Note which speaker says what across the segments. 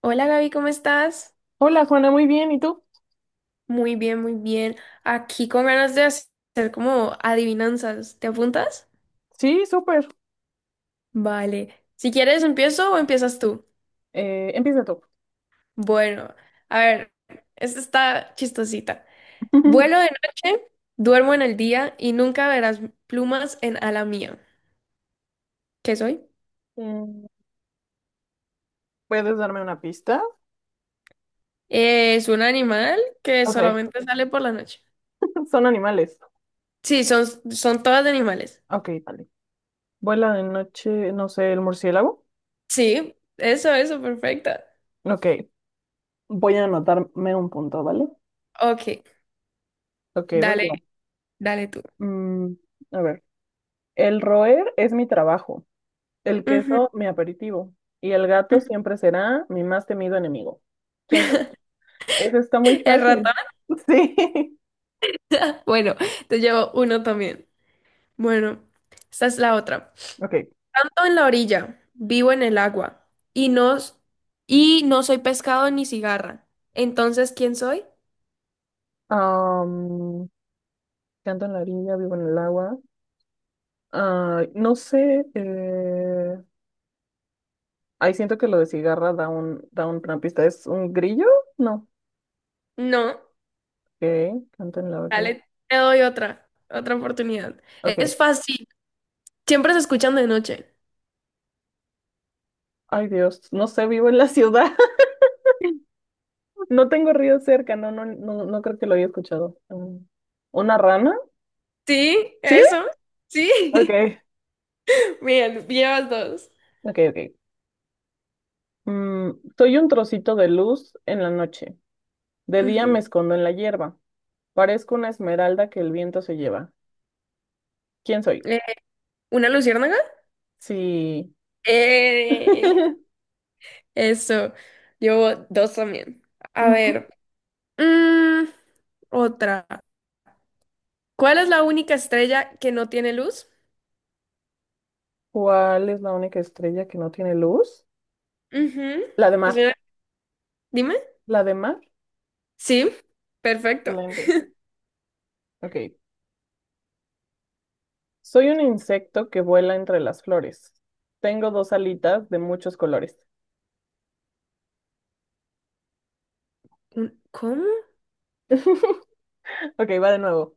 Speaker 1: Hola Gaby, ¿cómo estás?
Speaker 2: Hola Juana, muy bien. ¿Y tú?
Speaker 1: Muy bien, muy bien. Aquí con ganas de hacer como adivinanzas. ¿Te apuntas?
Speaker 2: Sí, súper.
Speaker 1: Vale. Si quieres, empiezo o empiezas tú.
Speaker 2: Empieza tú.
Speaker 1: Bueno, a ver, esta está chistosita. Vuelo de noche, duermo en el día y nunca verás plumas en ala mía. ¿Qué soy?
Speaker 2: Mm, ¿Puedes darme una pista?
Speaker 1: Es un animal que
Speaker 2: Ok.
Speaker 1: solamente sale por la noche.
Speaker 2: Son animales.
Speaker 1: Sí, son, son todas de animales.
Speaker 2: Ok, vale. Vuela de noche, no sé, el murciélago.
Speaker 1: Sí, eso, perfecta.
Speaker 2: Ok. Voy a anotarme un punto, ¿vale?
Speaker 1: Ok,
Speaker 2: Ok, voy
Speaker 1: dale,
Speaker 2: yo.
Speaker 1: dale tú.
Speaker 2: Mm, a ver. El roer es mi trabajo, el
Speaker 1: Ujú,
Speaker 2: queso
Speaker 1: ujú.
Speaker 2: mi aperitivo y el gato siempre será mi más temido enemigo. ¿Quién sabe? Eso está muy
Speaker 1: El ratón.
Speaker 2: fácil. Sí.
Speaker 1: Bueno, te llevo uno también. Bueno, esta es la otra.
Speaker 2: Ok.
Speaker 1: Tanto en la orilla, vivo en el agua, y no, y no soy pescado ni cigarra. Entonces, ¿quién soy?
Speaker 2: Am, Canto en la orilla, vivo en el agua. Ah, no sé, ahí siento que lo de cigarra da un, una pista. ¿Es un grillo? No.
Speaker 1: No,
Speaker 2: Ok, canto en la orilla.
Speaker 1: dale, te doy otra oportunidad.
Speaker 2: Ok.
Speaker 1: Es fácil, siempre se escuchan de noche.
Speaker 2: Ay, Dios, no sé, vivo en la ciudad. No tengo río cerca, no creo que lo haya escuchado. Mm. ¿Una rana?
Speaker 1: ¿Sí?
Speaker 2: ¿Sí?
Speaker 1: ¿Eso? Sí.
Speaker 2: Ok,
Speaker 1: Bien, llevas dos.
Speaker 2: ok. Mm, Soy un trocito de luz en la noche. De día me
Speaker 1: Ujú.
Speaker 2: escondo en la hierba. Parezco una esmeralda que el viento se lleva. ¿Quién soy?
Speaker 1: Eh, ¿Una luciérnaga?
Speaker 2: Sí.
Speaker 1: Eh, Eso, llevo dos también. A
Speaker 2: Ujú.
Speaker 1: ver. Mm, Otra. ¿Cuál es la única estrella que no tiene luz?
Speaker 2: ¿Cuál es la única estrella que no tiene luz?
Speaker 1: Ujú.
Speaker 2: La de
Speaker 1: Es
Speaker 2: mar.
Speaker 1: una- Dime.
Speaker 2: La de mar.
Speaker 1: Sí, perfecto.
Speaker 2: Excelente. Ok. Soy un insecto que vuela entre las flores. Tengo dos alitas de muchos colores.
Speaker 1: ¿Cómo?
Speaker 2: Ok, va de nuevo.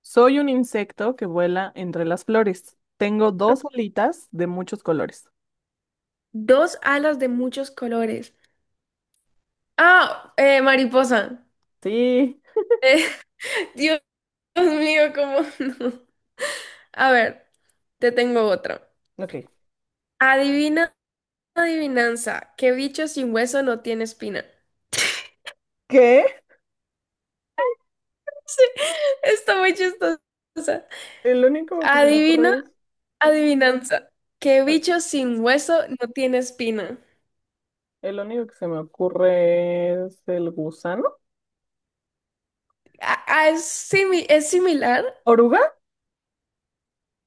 Speaker 2: Soy un insecto que vuela entre las flores. Tengo dos alitas de muchos colores.
Speaker 1: Dos alas de muchos colores. Ah, mariposa.
Speaker 2: Sí.
Speaker 1: Eh, Dios mío, ¿cómo no? A ver, te tengo otra.
Speaker 2: Ok.
Speaker 1: Adivina, adivinanza. ¿Qué bicho sin hueso no tiene espina?
Speaker 2: ¿Qué?
Speaker 1: Sí, está muy chistosa.
Speaker 2: El único que se me
Speaker 1: Adivina
Speaker 2: ocurre es...
Speaker 1: adivinanza. ¿Qué bicho sin hueso no tiene espina?
Speaker 2: El único que se me ocurre es el gusano.
Speaker 1: Ah, ah, ¿es similar?
Speaker 2: ¿Oruga?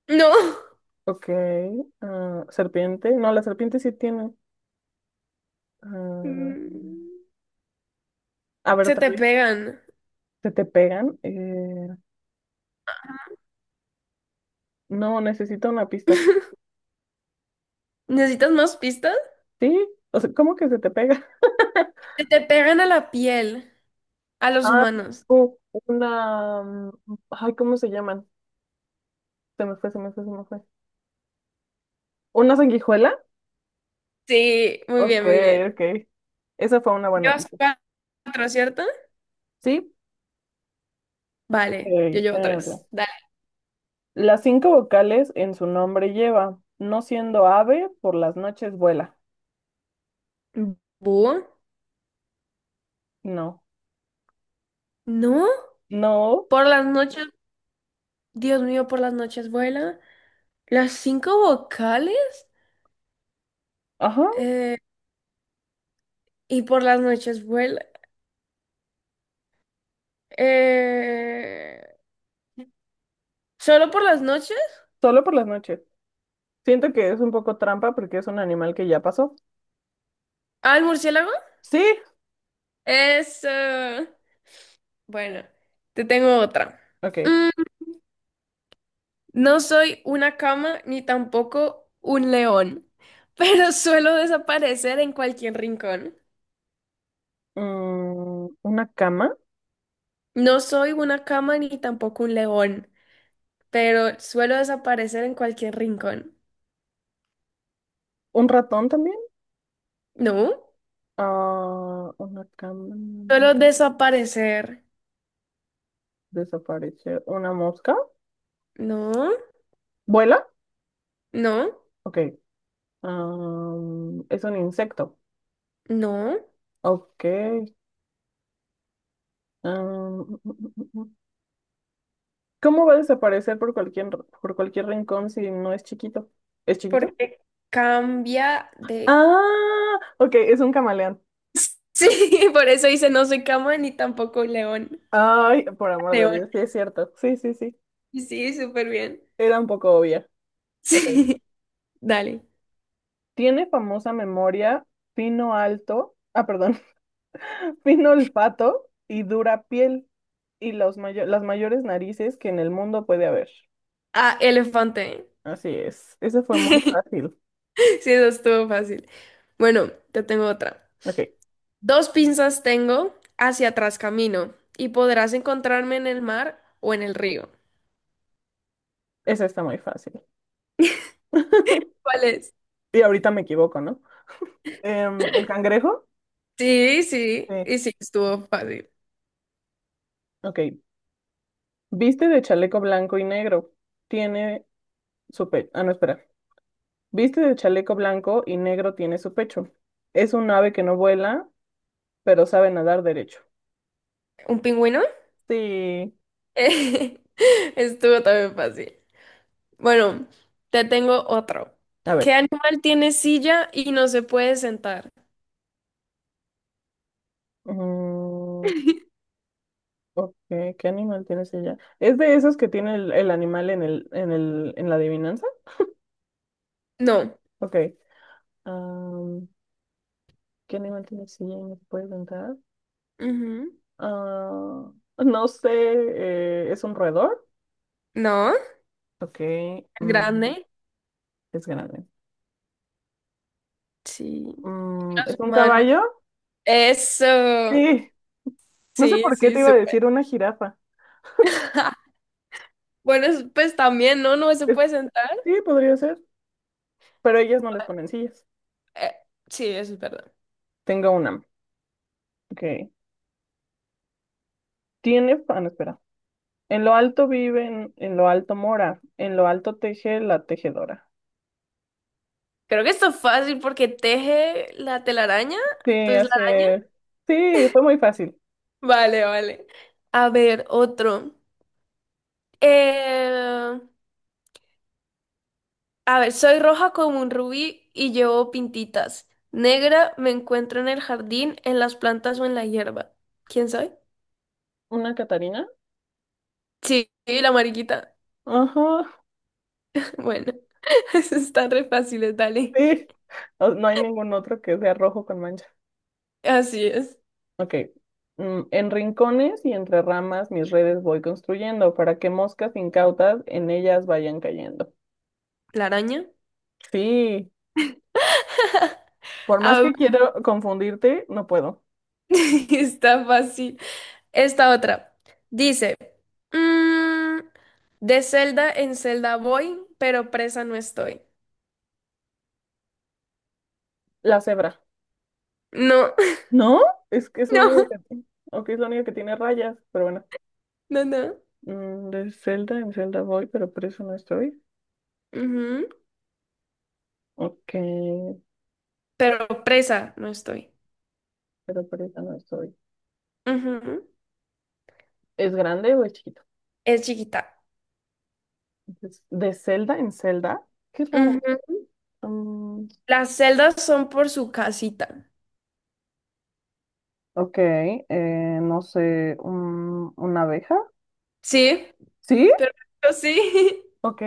Speaker 1: No.
Speaker 2: Ok. Ah, serpiente. No, la serpiente sí tiene. Ah,
Speaker 1: Mm,
Speaker 2: a ver
Speaker 1: Se
Speaker 2: otra
Speaker 1: te
Speaker 2: vez.
Speaker 1: pegan.
Speaker 2: ¿Se te pegan? No, necesito una pista.
Speaker 1: ¿Necesitas más pistas?
Speaker 2: ¿Sí? O sea, ¿cómo que se te pega?
Speaker 1: Se te pegan a la piel, a los
Speaker 2: Ah,
Speaker 1: humanos.
Speaker 2: u- una... Ay, ¿cómo se llaman? Se me fue. ¿Una sanguijuela?
Speaker 1: Sí, muy
Speaker 2: Ok,
Speaker 1: bien, muy bien.
Speaker 2: ok. Esa fue una buena
Speaker 1: Llevas
Speaker 2: pista.
Speaker 1: cuatro, ¿cierto?
Speaker 2: ¿Sí?
Speaker 1: Vale, yo
Speaker 2: Ok, a
Speaker 1: llevo
Speaker 2: ver.
Speaker 1: tres. Dale.
Speaker 2: Las cinco vocales en su nombre lleva, no siendo ave, por las noches vuela.
Speaker 1: ¿Búho?
Speaker 2: No.
Speaker 1: ¿No?
Speaker 2: No.
Speaker 1: Por las noches, Dios mío, por las noches vuela. ¿Las cinco vocales?
Speaker 2: Ajá,
Speaker 1: Eh, y por las noches vuela. Eh, ¿Solo por las noches?
Speaker 2: solo por las noches. Siento que es un poco trampa porque es un animal que ya pasó.
Speaker 1: ¿Al murciélago?
Speaker 2: Sí,
Speaker 1: Es... eh, Bueno, te tengo otra.
Speaker 2: ok.
Speaker 1: Mm, no soy una cama ni tampoco un león, pero suelo desaparecer en cualquier rincón.
Speaker 2: Mm, una cama,
Speaker 1: No soy una cama ni tampoco un león, pero suelo desaparecer en cualquier rincón.
Speaker 2: un ratón también.
Speaker 1: ¿No?
Speaker 2: Ah, una cama
Speaker 1: Suelo desaparecer.
Speaker 2: desaparece. Una mosca.
Speaker 1: No,
Speaker 2: ¿Vuela?
Speaker 1: no,
Speaker 2: Ok. Am, es un insecto.
Speaker 1: no,
Speaker 2: Ok. Am, mm, mm, mm. mm, mm. ¿Cómo va a desaparecer por cualquier, rincón si no es chiquito? ¿Es chiquito?
Speaker 1: porque cambia de...
Speaker 2: Ah, ok, es un camaleón.
Speaker 1: Sí, por eso dice no soy cama ni tampoco león.
Speaker 2: Ay, por amor de
Speaker 1: León.
Speaker 2: Dios, sí es cierto. Sí, sí, sí.
Speaker 1: Sí, súper bien.
Speaker 2: Era un poco obvia. Ok.
Speaker 1: Sí, dale.
Speaker 2: Tiene famosa memoria, fino alto, ah, perdón, fino olfato y dura piel y las mayores narices que en el mundo puede haber.
Speaker 1: Ah, elefante.
Speaker 2: Así es. Ese fue muy fácil.
Speaker 1: Sí, eso estuvo fácil. Bueno, te tengo otra.
Speaker 2: Ok,
Speaker 1: Dos pinzas tengo, hacia atrás camino, y podrás encontrarme en el mar o en el río.
Speaker 2: ese está muy fácil.
Speaker 1: ¿Cuál es?
Speaker 2: Y ahorita me equivoco, ¿no? Em, ¿el cangrejo?
Speaker 1: Sí, sí,
Speaker 2: Sí.
Speaker 1: y sí, estuvo fácil.
Speaker 2: Ok. Viste de chaleco blanco y negro. Tiene su pecho. Ah, no, espera. Viste de chaleco blanco y negro tiene su pecho. Es un ave que no vuela, pero sabe nadar derecho.
Speaker 1: ¿Un pingüino?
Speaker 2: Sí.
Speaker 1: Estuvo también fácil. Bueno, te tengo otro.
Speaker 2: A
Speaker 1: ¿Qué
Speaker 2: ver.
Speaker 1: animal tiene silla y no se puede sentar?
Speaker 2: Mm, ok, ¿qué animal tienes ella? ¿Es de esos que tiene el, animal en el, en la adivinanza?
Speaker 1: No.
Speaker 2: Ok. am, ¿Qué animal tiene silla y no se puede sentar?
Speaker 1: Ujú.
Speaker 2: Ah, no sé, ¿es un roedor?
Speaker 1: No.
Speaker 2: Ok, mm,
Speaker 1: ¿Grande?
Speaker 2: es grande.
Speaker 1: Sí. Los
Speaker 2: ¿Es un
Speaker 1: humanos.
Speaker 2: caballo?
Speaker 1: Eso.
Speaker 2: Sí, no sé
Speaker 1: Sí,
Speaker 2: por qué
Speaker 1: sí,
Speaker 2: te iba a
Speaker 1: súper.
Speaker 2: decir una jirafa.
Speaker 1: Bueno, pues también, ¿no? No se puede
Speaker 2: Es-
Speaker 1: sentar.
Speaker 2: sí, podría ser, pero ellas no les ponen sillas.
Speaker 1: Eh, sí, eso es verdad.
Speaker 2: Tengo una. Ok. ¿Tiene... Ah, no, espera. En lo alto viven, en lo alto mora, en lo alto teje la tejedora.
Speaker 1: Creo que esto es fácil porque teje la telaraña.
Speaker 2: Sí,
Speaker 1: Entonces la araña.
Speaker 2: hace, sí, fue muy fácil.
Speaker 1: Vale, vale. A ver, otro. Eh, A ver, soy roja como un rubí y llevo pintitas. Negra me encuentro en el jardín, en las plantas o en la hierba. ¿Quién soy?
Speaker 2: ¿Una Catarina?
Speaker 1: Sí, la mariquita.
Speaker 2: Ajá,
Speaker 1: Bueno, eso está re fácil, dale.
Speaker 2: sí. No, no hay ningún otro que sea rojo con mancha.
Speaker 1: Así es.
Speaker 2: Ok. Mm, en rincones y entre ramas mis redes voy construyendo para que moscas incautas en ellas vayan cayendo.
Speaker 1: ¿La araña?
Speaker 2: Sí, por más
Speaker 1: A ver,
Speaker 2: que quiero confundirte, no puedo.
Speaker 1: está fácil. Esta otra. Dice, mm, de celda en celda voy, pero presa no estoy.
Speaker 2: La cebra.
Speaker 1: No,
Speaker 2: ¿No? Es que es la
Speaker 1: no,
Speaker 2: única que, ok, es la única que tiene rayas, pero bueno.
Speaker 1: no, no.
Speaker 2: Mm, de Zelda en Zelda voy, pero por eso no estoy.
Speaker 1: Ujú.
Speaker 2: Ok,
Speaker 1: Pero presa no estoy.
Speaker 2: pero por eso no estoy.
Speaker 1: Ujú.
Speaker 2: ¿Es grande o es chiquito?
Speaker 1: Es chiquita.
Speaker 2: Entonces, de Zelda en Zelda. Qué raro.
Speaker 1: Ujú.
Speaker 2: Mm,
Speaker 1: Las celdas son por su casita.
Speaker 2: ok, no sé, una abeja.
Speaker 1: Sí,
Speaker 2: ¿Sí?
Speaker 1: perfecto, sí.
Speaker 2: Ok,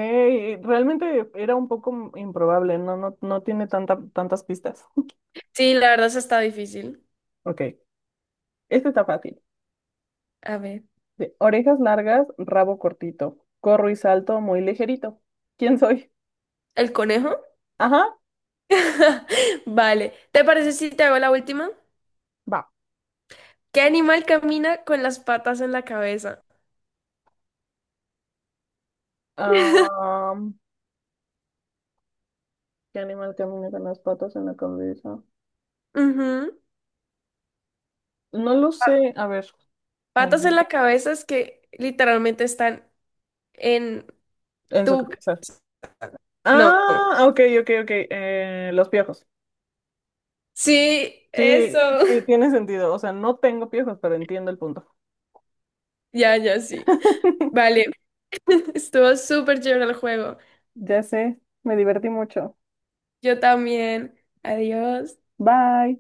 Speaker 2: realmente era un poco improbable, no tiene tanta, tantas pistas.
Speaker 1: Sí, la verdad eso está difícil.
Speaker 2: Ok, este está fácil.
Speaker 1: A ver,
Speaker 2: De orejas largas, rabo cortito. Corro y salto muy ligerito. ¿Quién soy?
Speaker 1: ¿el conejo?
Speaker 2: Ajá,
Speaker 1: Vale. ¿Te parece si te hago la última?
Speaker 2: va.
Speaker 1: ¿Qué animal camina con las patas en la cabeza?
Speaker 2: ¿Qué animal camina con las patas en la cabeza?
Speaker 1: Ujú.
Speaker 2: No lo sé. A ver. Ah,
Speaker 1: Patas en la cabeza es que literalmente están en
Speaker 2: en su
Speaker 1: tu...
Speaker 2: cabeza.
Speaker 1: No.
Speaker 2: Ah, ok, Eh, los piojos.
Speaker 1: Sí,
Speaker 2: Sí,
Speaker 1: eso.
Speaker 2: sí, tiene sentido. O sea, no tengo piojos, pero entiendo el punto.
Speaker 1: Ya, ya, sí. Vale. Estuvo súper chévere el juego.
Speaker 2: Ya sé. Me divertí mucho.
Speaker 1: Yo también. Adiós.
Speaker 2: Bye.